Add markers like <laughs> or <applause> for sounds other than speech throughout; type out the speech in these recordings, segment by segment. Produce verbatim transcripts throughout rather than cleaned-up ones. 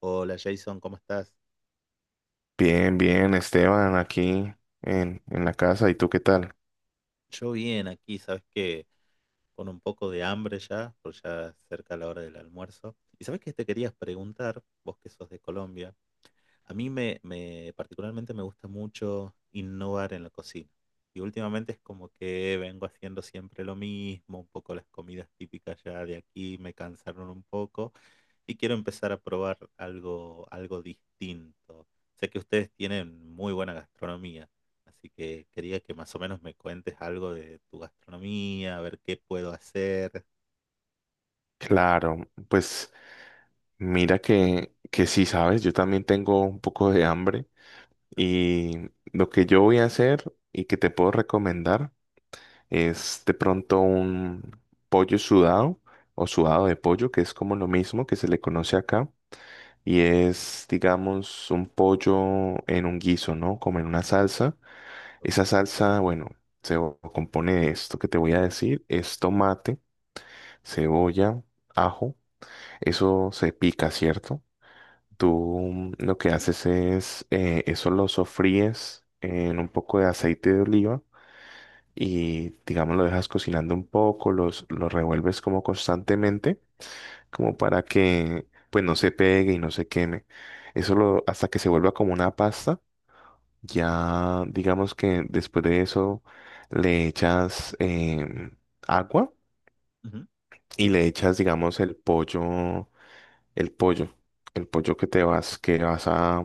Hola Jason, ¿cómo estás? Bien, bien, Esteban, aquí en, en la casa. ¿Y tú qué tal? Yo bien aquí, sabes que con un poco de hambre ya, porque ya es cerca la hora del almuerzo. Y sabes que te querías preguntar, vos que sos de Colombia. A mí me, me- particularmente me gusta mucho innovar en la cocina. Y últimamente es como que vengo haciendo siempre lo mismo, un poco las comidas típicas ya de aquí me cansaron un poco y quiero empezar a probar algo, algo distinto. Sé que ustedes tienen muy buena gastronomía, así que quería que más o menos me cuentes algo de tu gastronomía, a ver qué puedo hacer. Claro, pues mira que, que sí, sabes, yo también tengo un poco de hambre y lo que yo voy a hacer y que te puedo recomendar es de pronto un pollo sudado o sudado de pollo, que es como lo mismo que se le conoce acá y es, digamos, un pollo en un guiso, ¿no? Como en una salsa. Ok. Esa salsa, bueno, se o- compone de esto que te voy a decir, es tomate, cebolla, ajo, eso se pica, ¿cierto? Ujú, Tú mm, lo que haces es, eh, eso lo sofríes en un poco de aceite de oliva y, digamos, lo dejas cocinando un poco, los, lo revuelves como constantemente, como para que, pues, no se pegue y no se queme. Eso lo, hasta que se vuelva como una pasta. ujú, Ya, digamos que después de eso le echas em, agua ujú. y le echas, digamos, el pollo, el pollo, el pollo que te vas, que vas a,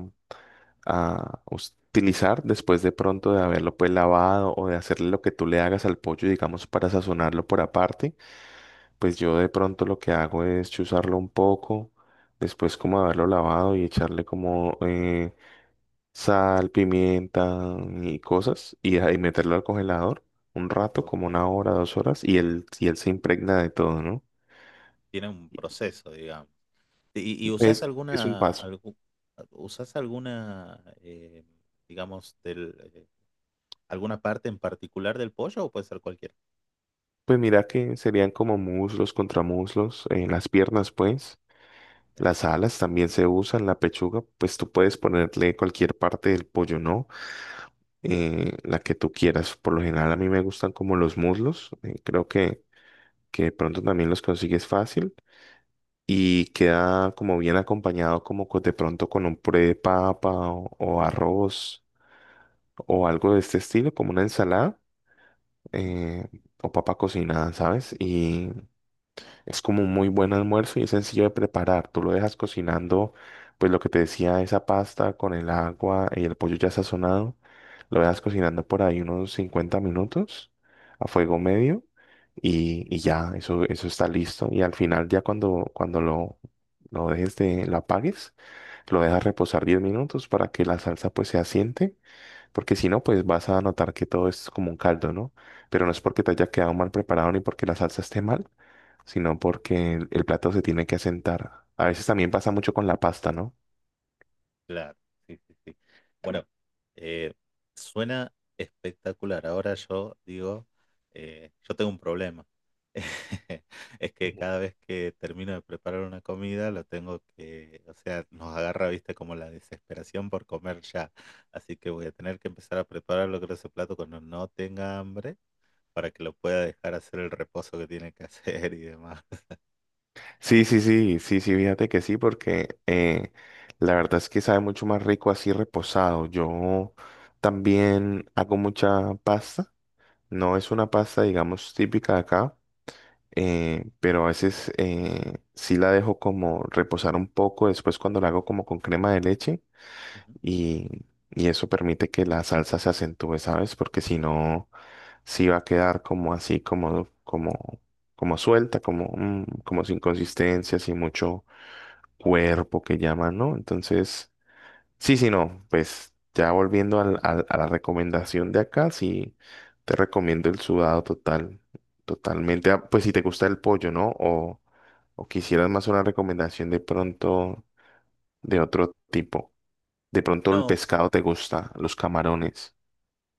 a utilizar después de pronto de haberlo pues lavado o de hacerle lo que tú le hagas al pollo, digamos, para sazonarlo por aparte. Pues yo de pronto lo que hago es chuzarlo un poco, después como haberlo lavado y echarle como eh, sal, pimienta y cosas y, ahí meterlo al congelador un rato, Ok. como una hora, dos horas, y él, y él se impregna de todo, ¿no? Tiene un proceso, digamos. ¿Y, y usás Es, es un alguna, paso. algu- usás alguna, eh, digamos, del, eh, alguna parte en particular del pollo o puede ser cualquiera? Pues mira que serían como muslos, contramuslos, eh, las piernas, pues. Ok, Las alas también se usan, la pechuga, pues tú puedes ponerle cualquier parte del pollo, ¿no? Eh, la que tú quieras. Por lo general a mí me gustan como los muslos, eh, creo que, que de pronto también los consigues fácil. Y queda como bien acompañado como co- de pronto con un puré de papa o, o arroz o algo de este estilo, como una ensalada, ujú, eh, o papa cocinada, ¿sabes? Y es como un muy buen almuerzo y es sencillo de preparar. Tú lo dejas cocinando, pues lo que te decía, esa pasta con el agua y el pollo ya sazonado. Lo dejas cocinando por ahí unos cincuenta minutos a fuego medio ujú. y, y ya, eso, eso está listo. Y al final ya cuando, cuando lo, lo dejes de, lo apagues, lo dejas reposar diez minutos para que la salsa pues se asiente, porque si no, pues vas a notar que todo es como un caldo, ¿no? Pero no es porque te haya quedado mal preparado ni porque la salsa esté mal, sino porque el, el plato se tiene que asentar. A veces también pasa mucho con la pasta, ¿no? Claro, sí, sí, sí. Bueno, eh, suena espectacular. Ahora yo digo, eh, yo tengo un problema. <laughs> Es que cada vez que termino de preparar una comida, lo tengo que, o sea, nos agarra, viste, como la desesperación por comer ya. Así que voy a tener que empezar a preparar lo que ese plato cuando no tenga hambre, para que lo pueda dejar hacer el reposo que tiene que <laughs> hacer y demás. Sí, sí, sí, sí, sí, fíjate que sí, porque eh, la verdad es que sabe mucho más rico así reposado. Yo también hago mucha pasta. No es una pasta, digamos, típica de acá, eh, pero a veces eh, sí la dejo como reposar un poco. Después cuando la hago como con crema de leche Ujú. y, y eso permite que la salsa se acentúe, ¿sabes? Porque si no, sí va a quedar como así, como, como, como suelta, como, mm, como sin consistencia, sin mucho cuerpo que llaman, ¿no? Entonces, sí, sí, no, pues ya volviendo al- al- a la recomendación de acá, sí, te recomiendo el sudado total, totalmente, ah, pues si te gusta el pollo, ¿no? O, o quisieras más una recomendación de pronto de otro tipo. De pronto el No, pescado te gusta, los camarones.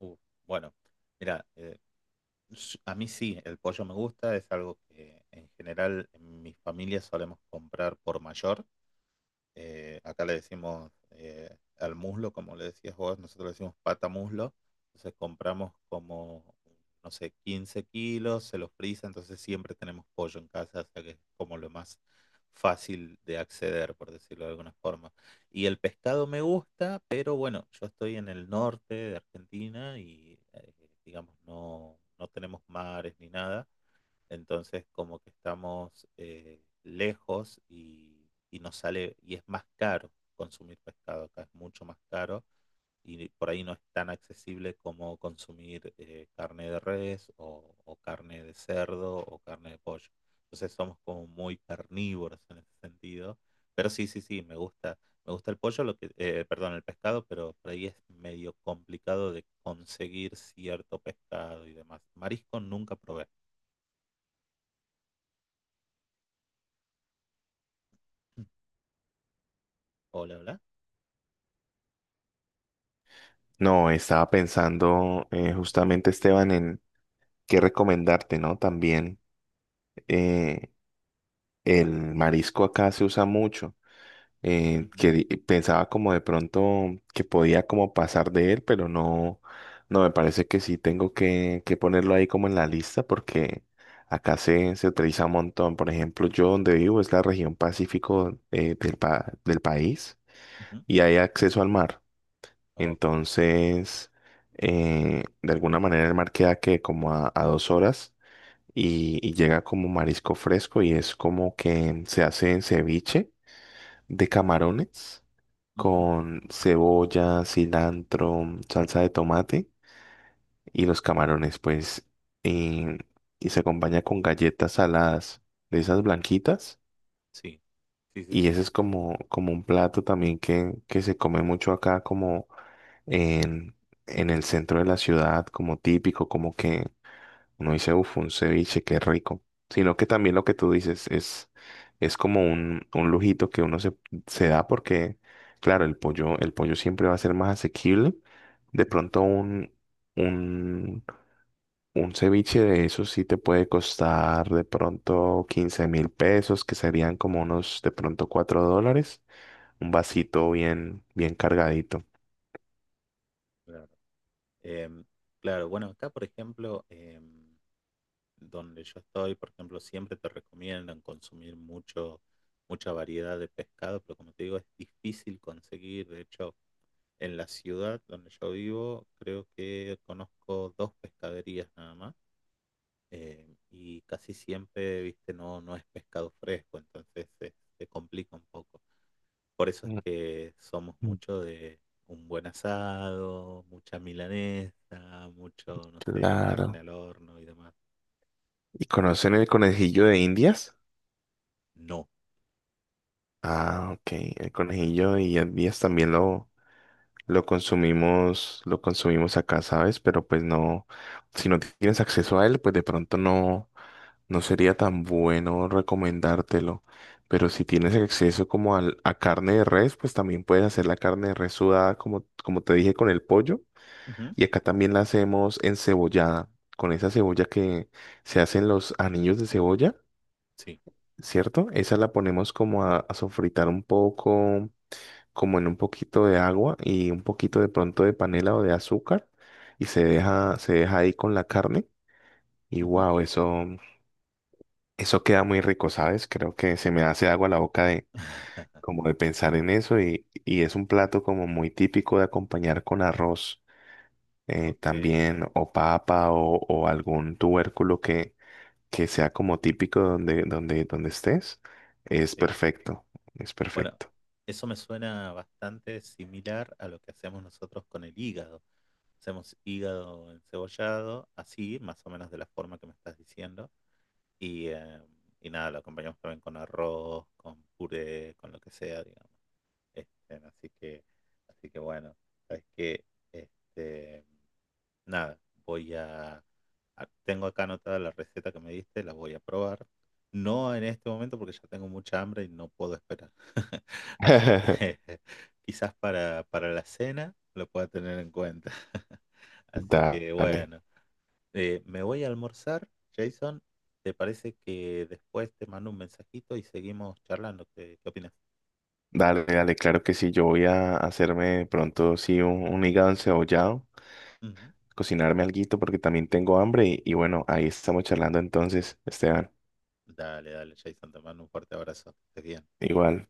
uh, bueno, mira, s- a mí sí, el pollo me gusta, es algo que en general en mi familia solemos comprar por mayor, eh, acá le decimos, eh, al muslo, como le decías vos, nosotros le decimos pata muslo. Entonces compramos como, no sé, quince kilos, se los frisa, entonces siempre tenemos pollo en casa, o sea que es como lo más fácil de acceder, por decirlo de alguna forma. Y el pescado me gusta, pero bueno, yo estoy en el norte de Argentina y, eh, digamos no, no tenemos mares ni nada. Entonces, como que estamos, eh, lejos y, y nos sale, y es más caro consumir pescado acá, es mucho más caro y por ahí no es tan accesible como consumir, eh, carne de res o, o carne de cerdo o carne de pollo. Entonces somos como muy carnívoros en ese sentido. Pero sí, sí, sí, me gusta, me gusta el pollo, lo que, eh, perdón, el pescado, pero por ahí es medio complicado de conseguir cierto pescado y demás. Marisco nunca probé. Hola, hola. No, estaba pensando eh, Sí. justamente, Esteban, en qué recomendarte, ¿no? También eh, el marisco acá se usa mucho. eh, Ujú, que di- Pensaba como de pronto que podía como pasar de él, pero no, no, me parece que sí tengo que, que ponerlo ahí como en la lista porque acá se, se utiliza un montón. Por ejemplo, yo donde vivo es la región Pacífico, eh, del, pa- del país ujú. y hay acceso al mar. Ok. Entonces, eh, de alguna manera el mar queda que como a, a dos horas y, y llega como marisco fresco y es como que se hace en ceviche de camarones Ujú. con cebolla, cilantro, salsa de tomate y los camarones, pues, y, y se acompaña con galletas saladas de esas blanquitas. Sí. Sí, sí, Y sí, ese sí. es como, como un plato también que, que se come mucho acá, como en, en el centro de la ciudad como típico, como que uno dice, uff, un ceviche, qué rico, sino que también lo que tú dices es, es como un, un lujito que uno se, se da porque, claro, el pollo, el pollo siempre va a ser más asequible. De pronto un, un, un ceviche de esos sí te puede costar de pronto quince mil pesos, que serían como unos de pronto cuatro dólares, un vasito bien, bien cargadito. Claro. Em, claro, bueno, acá, por ejemplo, em, donde yo estoy, por ejemplo, siempre te recomiendan consumir mucho, mucha variedad de pescado, pero como te digo, es difícil conseguir. De hecho, en la ciudad donde yo vivo, creo que conozco dos pescaderías nada más. Em, y casi siempre, viste, no, no es pescado fresco, entonces se, se complica un poco. Por eso es que somos Mm. mucho de un buen asado, mucha milanesa, mucho, no sé, carne Claro. al horno y demás. ¿Y conocen el conejillo de Indias? No. Ah, ok. El conejillo de Indias también lo, lo consumimos, lo consumimos acá, ¿sabes? Pero pues no, si no tienes acceso a él, pues de pronto no, no sería tan bueno recomendártelo. Pero si tienes acceso como al- a carne de res, pues también puedes hacer la carne de res sudada, como, como te dije, con el pollo. Ujú. Y acá también la hacemos encebollada, con esa cebolla que se hacen los anillos de cebolla, Sí. ¿cierto? Esa la ponemos como a, a sofritar un poco, como en un poquito de agua y un poquito de pronto de panela o de azúcar y se deja, se deja ahí con la carne y Ujú. wow, eso, eso queda muy rico, ¿sabes? Creo que se me hace agua la boca de, <laughs> como de pensar en eso y, y es un plato como muy típico de acompañar con arroz. eh, Ok, También o papa o, o algún tubérculo que, que sea como típico donde, donde, donde estés, es sí. perfecto, es Bueno, perfecto. eso me suena bastante similar a lo que hacemos nosotros con el hígado. Hacemos hígado encebollado, así, más o menos de la forma que me estás diciendo. Y, eh, y nada, lo acompañamos también con arroz, con puré, con lo que sea, digamos. Este, así que, así que bueno, sabes que este, nada, voy a, a- tengo acá anotada la receta que me diste, la voy a probar. No en este momento porque ya tengo mucha hambre y no puedo esperar. <laughs> Así que <laughs> <laughs> quizás para, para la cena lo pueda tener en cuenta. <laughs> Así que Dale, bueno, eh, me voy a almorzar, Jason. ¿Te parece que después te mando un mensajito y seguimos charlando? ¿Qué, qué opinas? dale, dale, claro que sí. Yo voy a hacerme pronto, sí, un, un hígado encebollado, Ujú. cocinarme alguito porque también tengo hambre y, y bueno, ahí estamos charlando entonces, Esteban. Dale, dale, Jason, te mando un fuerte abrazo. Que estés bien. Igual.